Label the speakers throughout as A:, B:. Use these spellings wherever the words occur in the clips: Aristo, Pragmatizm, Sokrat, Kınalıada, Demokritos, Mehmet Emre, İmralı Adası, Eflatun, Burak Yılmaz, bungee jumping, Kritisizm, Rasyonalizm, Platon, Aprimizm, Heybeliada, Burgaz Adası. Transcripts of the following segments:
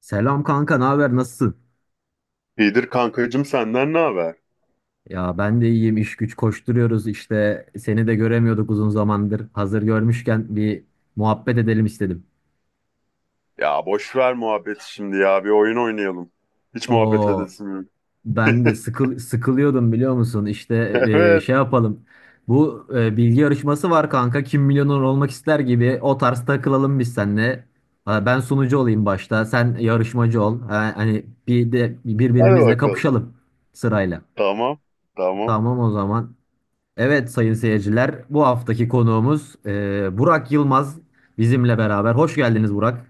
A: Selam kanka, ne haber? Nasılsın?
B: İyidir kankacığım senden ne haber?
A: Ya ben de iyiyim. İş güç koşturuyoruz işte. Seni de göremiyorduk uzun zamandır. Hazır görmüşken bir muhabbet edelim istedim.
B: Ya boş ver muhabbeti şimdi ya bir oyun oynayalım. Hiç muhabbet
A: O
B: edesim yok.
A: ben de sıkılıyordum biliyor musun? İşte
B: Evet,
A: şey yapalım. Bu bilgi yarışması var kanka. Kim milyoner olmak ister gibi o tarz takılalım biz seninle. Ha, ben sunucu olayım başta. Sen yarışmacı ol. Ha, hani bir de
B: hadi
A: birbirimizle
B: bakalım.
A: kapışalım sırayla.
B: Tamam tamam.
A: Tamam o zaman. Evet sayın seyirciler, bu haftaki konuğumuz Burak Yılmaz bizimle beraber. Hoş geldiniz Burak.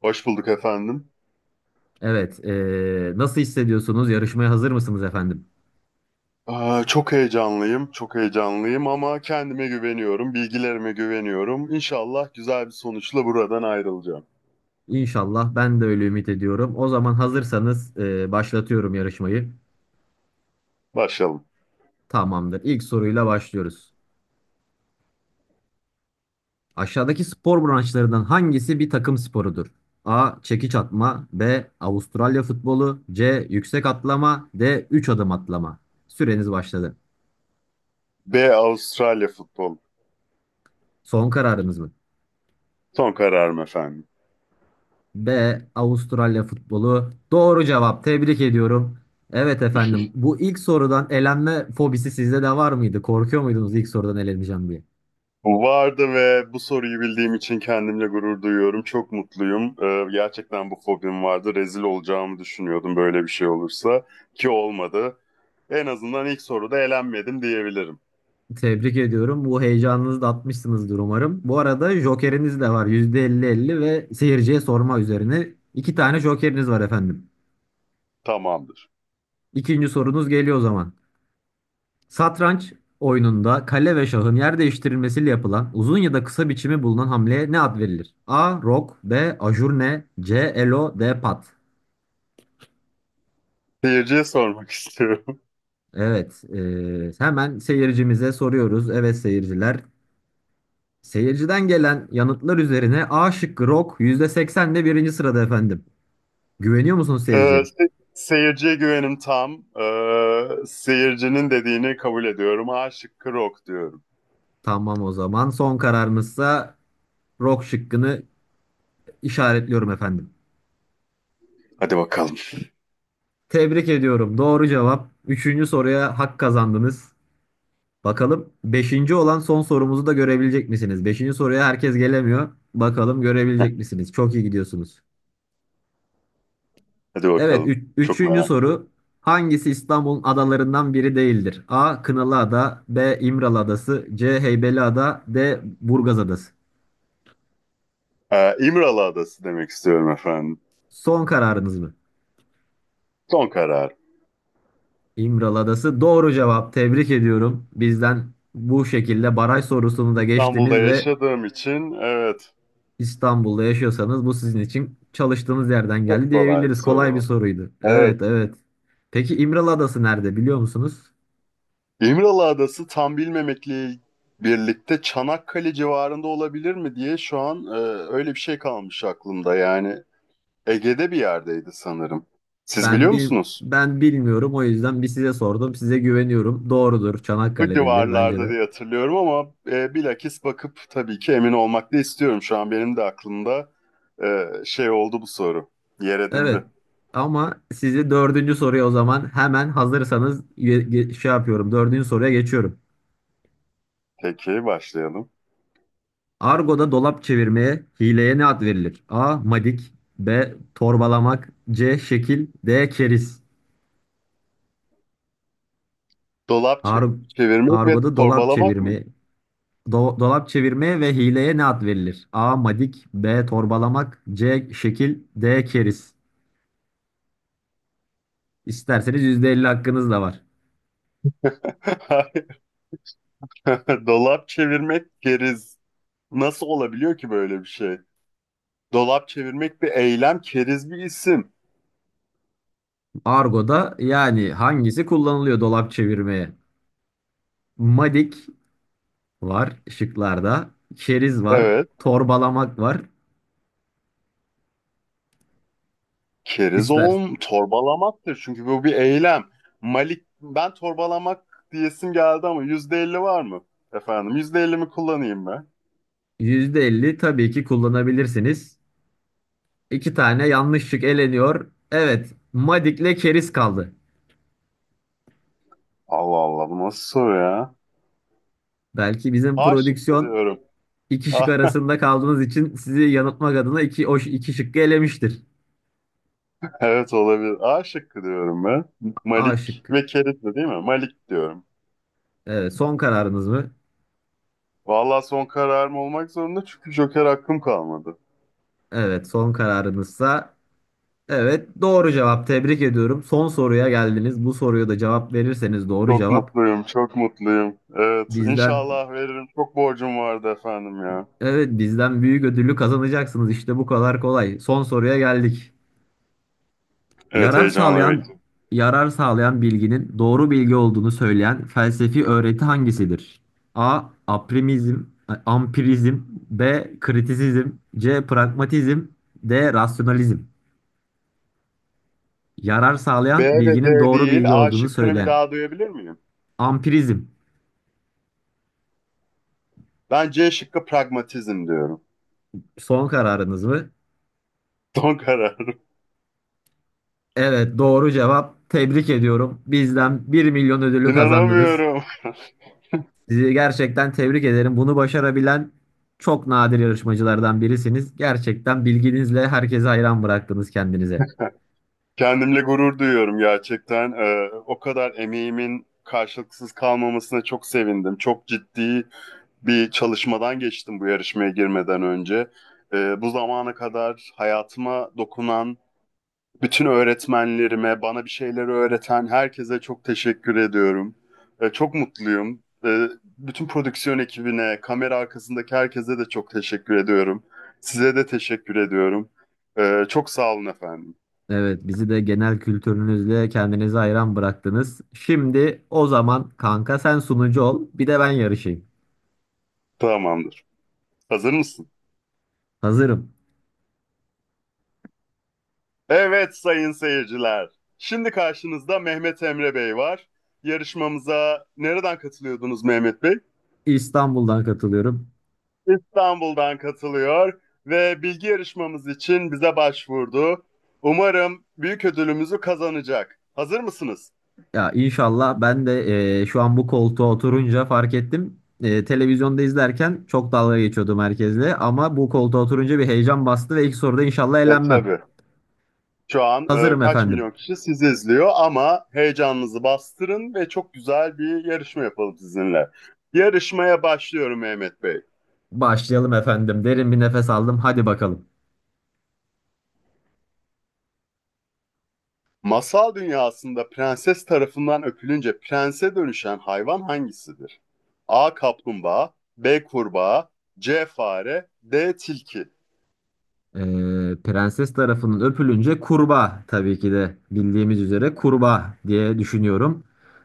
B: Hoş bulduk efendim.
A: Evet, nasıl hissediyorsunuz? Yarışmaya hazır mısınız efendim?
B: Aa, çok heyecanlıyım çok heyecanlıyım ama kendime güveniyorum, bilgilerime güveniyorum. İnşallah güzel bir sonuçla buradan ayrılacağım.
A: İnşallah ben de öyle ümit ediyorum. O zaman hazırsanız başlatıyorum yarışmayı.
B: Başlayalım.
A: Tamamdır. İlk soruyla başlıyoruz. Aşağıdaki spor branşlarından hangisi bir takım sporudur? A. Çekiç atma, B. Avustralya futbolu, C. Yüksek atlama, D. Üç adım atlama. Süreniz başladı.
B: B Avustralya futbol.
A: Son kararınız mı?
B: Son kararım efendim.
A: B. Avustralya futbolu. Doğru cevap. Tebrik ediyorum. Evet efendim. Bu ilk sorudan elenme fobisi sizde de var mıydı? Korkuyor muydunuz ilk sorudan eleneceğim diye?
B: Vardı ve bu soruyu bildiğim için kendimle gurur duyuyorum. Çok mutluyum. Gerçekten bu fobim vardı. Rezil olacağımı düşünüyordum böyle bir şey olursa, ki olmadı. En azından ilk soruda elenmedim diyebilirim.
A: Tebrik ediyorum. Bu heyecanınızı da atmışsınızdır umarım. Bu arada jokeriniz de var. %50 %50 ve seyirciye sorma üzerine. İki tane jokeriniz var efendim.
B: Tamamdır.
A: İkinci sorunuz geliyor o zaman. Satranç oyununda kale ve şahın yer değiştirilmesiyle yapılan uzun ya da kısa biçimi bulunan hamleye ne ad verilir? A. Rok, B. Ajurne, C. Elo, D. Pat.
B: Seyirciye sormak istiyorum.
A: Evet, hemen seyircimize soruyoruz. Evet seyirciler. Seyirciden gelen yanıtlar üzerine A şıkkı Rok %80 de birinci sırada efendim. Güveniyor musunuz
B: Ee,
A: seyirciye?
B: seyirciye güvenim tam. Seyircinin dediğini kabul ediyorum. A şıkkı rock diyorum.
A: Tamam o zaman son kararınızsa Rok şıkkını işaretliyorum efendim.
B: Hadi bakalım.
A: Tebrik ediyorum. Doğru cevap. Üçüncü soruya hak kazandınız. Bakalım beşinci olan son sorumuzu da görebilecek misiniz? Beşinci soruya herkes gelemiyor. Bakalım görebilecek misiniz? Çok iyi gidiyorsunuz.
B: Hadi
A: Evet,
B: bakalım. Çok
A: üçüncü
B: merak ediyorum.
A: soru. Hangisi İstanbul'un adalarından biri değildir? A. Kınalıada, B. İmralı Adası, C. Heybeliada, D. Burgaz Adası.
B: İmralı Adası demek istiyorum efendim.
A: Son kararınız mı?
B: Son karar.
A: İmralı Adası doğru cevap. Tebrik ediyorum. Bizden bu şekilde baraj sorusunu da
B: İstanbul'da
A: geçtiniz ve
B: yaşadığım için evet,
A: İstanbul'da yaşıyorsanız bu sizin için çalıştığınız yerden geldi
B: çok kolay bir
A: diyebiliriz.
B: soru
A: Kolay bir
B: oldu.
A: soruydu.
B: Evet.
A: Evet, evet. Peki İmralı Adası nerede biliyor musunuz?
B: İmralı Adası tam bilmemekle birlikte Çanakkale civarında olabilir mi diye şu an öyle bir şey kalmış aklımda. Yani Ege'de bir yerdeydi sanırım. Siz
A: Ben
B: biliyor
A: bil
B: musunuz?
A: ben bilmiyorum o yüzden bir size sordum. Size güveniyorum. Doğrudur.
B: Bu
A: Çanakkale'dedir bence
B: civarlarda
A: de.
B: diye hatırlıyorum ama bilakis bakıp tabii ki emin olmak da istiyorum. Şu an benim de aklımda şey oldu bu soru. Yer edindi.
A: Evet. Ama sizi dördüncü soruya o zaman hemen hazırsanız şey yapıyorum. Dördüncü soruya geçiyorum.
B: Peki başlayalım.
A: Argo'da dolap çevirmeye, hileye ne ad verilir? A. Madik, B. Torbalamak, C. Şekil, D. Keriz.
B: Dolap
A: Ar
B: çevirmek ve
A: Argo'da dolap
B: torbalamak mıydı?
A: çevirme, dolap çevirmeye ve hileye ne ad verilir? A. Madik, B. Torbalamak, C. Şekil, D. Keriz. İsterseniz %50 hakkınız da var.
B: Dolap çevirmek keriz. Nasıl olabiliyor ki böyle bir şey? Dolap çevirmek bir eylem, keriz bir isim.
A: Argo'da yani hangisi kullanılıyor dolap çevirmeye? Madik var şıklarda, keriz var,
B: Evet.
A: torbalamak var.
B: Keriz
A: İster
B: oğlum torbalamaktır. Çünkü bu bir eylem. Malik ben torbalamak diyesim geldi ama %50 var mı? Efendim yüzde elli mi kullanayım ben?
A: %50 tabii ki kullanabilirsiniz. İki tane yanlış şık eleniyor. Evet, Madik'le keriz kaldı.
B: Allah Allah bu nasıl soru ya?
A: Belki bizim
B: A şıkkı
A: prodüksiyon
B: diyorum.
A: İki şık
B: A-
A: arasında kaldığınız için sizi yanıltmak adına iki şıkkı elemiştir.
B: Evet olabilir. A şıkkı diyorum ben.
A: A
B: Malik
A: şıkkı.
B: ve Keriz de değil mi? Malik diyorum.
A: Evet, son kararınız mı?
B: Vallahi son kararım olmak zorunda çünkü Joker hakkım kalmadı.
A: Evet, son kararınızsa evet doğru cevap. Tebrik ediyorum. Son soruya geldiniz. Bu soruya da cevap verirseniz doğru
B: Çok
A: cevap
B: mutluyum, çok mutluyum. Evet,
A: bizden
B: inşallah veririm. Çok borcum vardı efendim ya.
A: evet bizden büyük ödülü kazanacaksınız. İşte bu kadar kolay. Son soruya geldik.
B: Evet,
A: Yarar
B: heyecanla
A: sağlayan
B: bekliyorum.
A: yarar sağlayan bilginin doğru bilgi olduğunu söyleyen felsefi öğreti hangisidir? A. Aprimizm, ampirizm, B. Kritisizm, C. Pragmatizm, D. Rasyonalizm. Yarar
B: B
A: sağlayan
B: ve
A: bilginin
B: D
A: doğru
B: değil,
A: bilgi
B: A
A: olduğunu
B: şıkkını bir
A: söyleyen.
B: daha duyabilir miyim?
A: Ampirizm.
B: Ben C şıkkı pragmatizm diyorum.
A: Son kararınız mı?
B: Son kararım.
A: Evet, doğru cevap. Tebrik ediyorum. Bizden 1.000.000 ödülü kazandınız.
B: İnanamıyorum.
A: Sizi gerçekten tebrik ederim. Bunu başarabilen çok nadir yarışmacılardan birisiniz. Gerçekten bilginizle herkese hayran bıraktınız kendinize.
B: Kendimle gurur duyuyorum gerçekten. O kadar emeğimin karşılıksız kalmamasına çok sevindim. Çok ciddi bir çalışmadan geçtim bu yarışmaya girmeden önce. Bu zamana kadar hayatıma dokunan bütün öğretmenlerime, bana bir şeyleri öğreten herkese çok teşekkür ediyorum. Çok mutluyum. Bütün prodüksiyon ekibine, kamera arkasındaki herkese de çok teşekkür ediyorum. Size de teşekkür ediyorum. Çok sağ olun efendim.
A: Evet, bizi de genel kültürünüzle kendinize hayran bıraktınız. Şimdi o zaman kanka sen sunucu ol, bir de ben yarışayım.
B: Tamamdır. Hazır mısın?
A: Hazırım.
B: Evet, sayın seyirciler. Şimdi karşınızda Mehmet Emre Bey var. Yarışmamıza nereden katılıyordunuz, Mehmet Bey?
A: İstanbul'dan katılıyorum.
B: İstanbul'dan katılıyor ve bilgi yarışmamız için bize başvurdu. Umarım büyük ödülümüzü kazanacak. Hazır mısınız?
A: Ya inşallah ben de şu an bu koltuğa oturunca fark ettim. Televizyonda izlerken çok dalga geçiyordum herkesle ama bu koltuğa oturunca bir heyecan bastı ve ilk soruda inşallah
B: E
A: elenmem.
B: tabii. Şu an
A: Hazırım
B: kaç
A: efendim.
B: milyon kişi sizi izliyor ama heyecanınızı bastırın ve çok güzel bir yarışma yapalım sizinle. Yarışmaya başlıyorum Mehmet Bey.
A: Başlayalım efendim. Derin bir nefes aldım. Hadi bakalım.
B: Masal dünyasında prenses tarafından öpülünce prense dönüşen hayvan hangisidir? A. Kaplumbağa B. Kurbağa C. Fare D. Tilki.
A: Ee, prenses tarafının öpülünce kurbağa tabii ki de bildiğimiz üzere kurbağa diye düşünüyorum.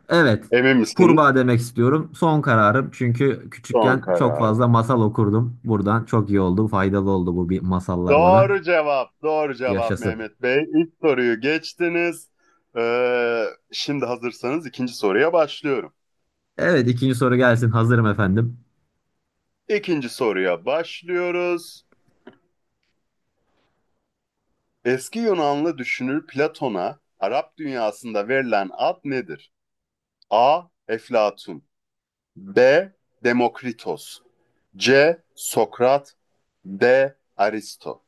A: Evet,
B: Emin misiniz?
A: kurbağa demek istiyorum. Son kararım çünkü
B: Son
A: küçükken çok
B: kararı.
A: fazla masal okurdum. Buradan çok iyi oldu, faydalı oldu bu bir masallar bana.
B: Doğru cevap. Doğru cevap
A: Yaşasın.
B: Mehmet Bey. İlk soruyu geçtiniz. Ee, şimdi hazırsanız ikinci soruya başlıyorum.
A: Evet, ikinci soru gelsin. Hazırım efendim.
B: İkinci soruya başlıyoruz. Eski Yunanlı düşünür Platon'a Arap dünyasında verilen ad nedir? A. Eflatun B. Demokritos C. Sokrat D. Aristo.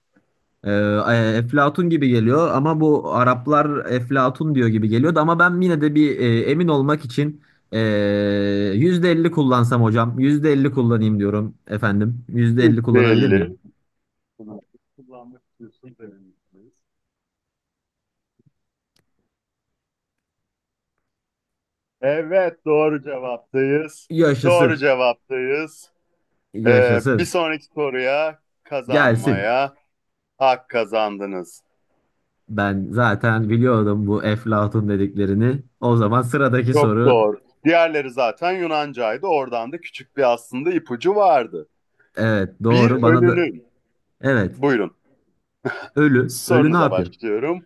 A: Ee, Eflatun gibi geliyor ama bu Araplar Eflatun diyor gibi geliyordu ama ben yine de bir emin olmak için e, %50 kullansam hocam %50 kullanayım diyorum efendim %50 kullanabilir miyim?
B: 150 kullanmak istiyorsunuz. Evet, doğru cevaptayız. Doğru
A: Yaşasın,
B: cevaptayız. Bir
A: yaşasın.
B: sonraki soruya
A: Gelsin.
B: kazanmaya hak kazandınız.
A: Ben zaten biliyordum bu Eflatun dediklerini. O zaman sıradaki
B: Çok
A: soru.
B: doğru. Diğerleri zaten Yunancaydı. Oradan da küçük bir aslında ipucu vardı.
A: Evet
B: Bir
A: doğru. Bana da
B: ölünün,
A: evet.
B: buyurun
A: Ölü ne
B: sorunuza
A: yapıyor?
B: başlıyorum.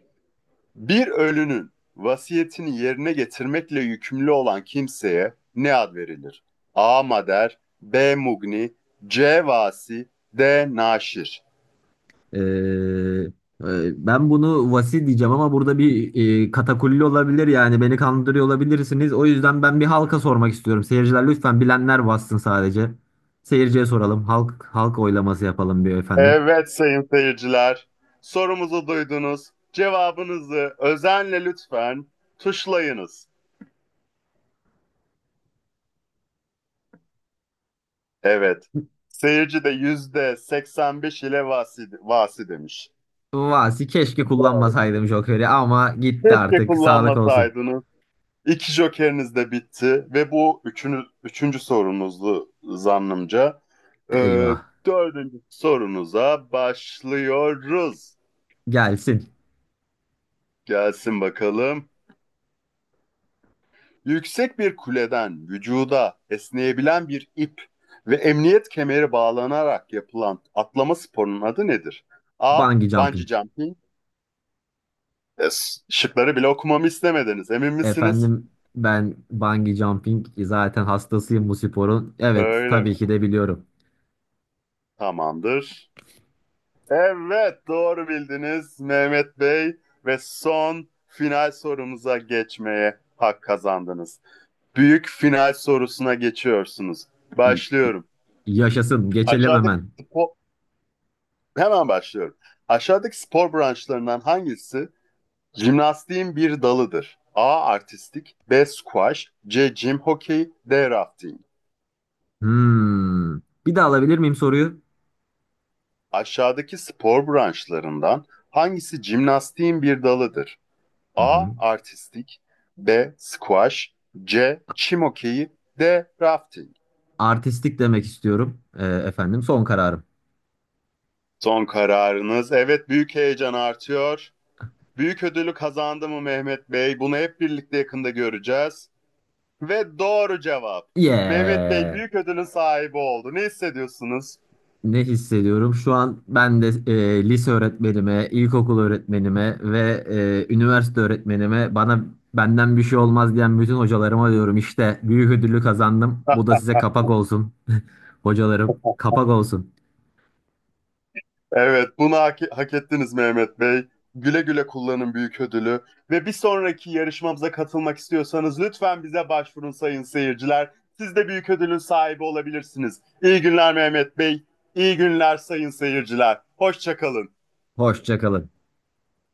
B: Bir ölünün vasiyetini yerine getirmekle yükümlü olan kimseye ne ad verilir? A. Mader, B. Mugni, C. Vasi, D. Naşir.
A: Ee, Ben bunu vasi diyeceğim ama burada bir katakulli olabilir yani beni kandırıyor olabilirsiniz. O yüzden ben bir halka sormak istiyorum. Seyirciler lütfen bilenler bassın sadece. Seyirciye soralım. Halk oylaması yapalım bir efendim.
B: Evet, sayın seyirciler. Sorumuzu duydunuz. Cevabınızı özenle lütfen tuşlayınız. Evet. Seyirci de %85 ile vasi, vasi demiş.
A: Vasi keşke
B: Doğru
A: kullanmasaydım
B: bildim.
A: Joker'i ama gitti
B: Keşke
A: artık. Sağlık olsun.
B: kullanmasaydınız. İki jokeriniz de bitti ve bu üçüncü sorunuzdu zannımca. Ee,
A: Eyvah.
B: dördüncü sorunuza başlıyoruz.
A: Gelsin.
B: Gelsin bakalım. Yüksek bir kuleden vücuda esneyebilen bir ip ve emniyet kemeri bağlanarak yapılan atlama sporunun adı nedir? A.
A: Bungee jumping.
B: Bungee jumping. Şıkları bile okumamı istemediniz. Emin misiniz?
A: Efendim ben bungee jumping zaten hastasıyım bu sporun. Evet
B: Öyle
A: tabii
B: mi?
A: ki de biliyorum.
B: Tamamdır. Evet, doğru bildiniz Mehmet Bey ve son final sorumuza geçmeye hak kazandınız. Büyük final sorusuna geçiyorsunuz. Başlıyorum.
A: Yaşasın. Geçelim
B: Aşağıdaki
A: hemen.
B: Hemen başlıyorum. Aşağıdaki spor branşlarından hangisi jimnastiğin bir dalıdır? A. Artistik B. Squash C. Jim Hockey D. Rafting.
A: Hmm. Bir daha alabilir miyim soruyu?
B: Aşağıdaki spor branşlarından hangisi jimnastiğin bir dalıdır?
A: Hı
B: A.
A: hı.
B: Artistik B. Squash C. Çim hokeyi D. Rafting.
A: Artistik demek istiyorum. Efendim son kararım.
B: Son kararınız. Evet, büyük heyecan artıyor. Büyük ödülü kazandı mı Mehmet Bey? Bunu hep birlikte yakında göreceğiz. Ve doğru cevap. Mehmet Bey
A: Yeah.
B: büyük ödülün sahibi oldu. Ne hissediyorsunuz?
A: Ne hissediyorum? Şu an ben de lise öğretmenime, ilkokul öğretmenime ve üniversite öğretmenime, bana benden bir şey olmaz diyen bütün hocalarıma diyorum işte büyük ödülü kazandım. Bu da size kapak olsun. Hocalarım kapak olsun.
B: Evet, bunu hak ettiniz Mehmet Bey. Güle güle kullanın büyük ödülü. Ve bir sonraki yarışmamıza katılmak istiyorsanız lütfen bize başvurun sayın seyirciler. Siz de büyük ödülün sahibi olabilirsiniz. İyi günler Mehmet Bey. İyi günler sayın seyirciler. Hoşçakalın.
A: Hoşça kalın.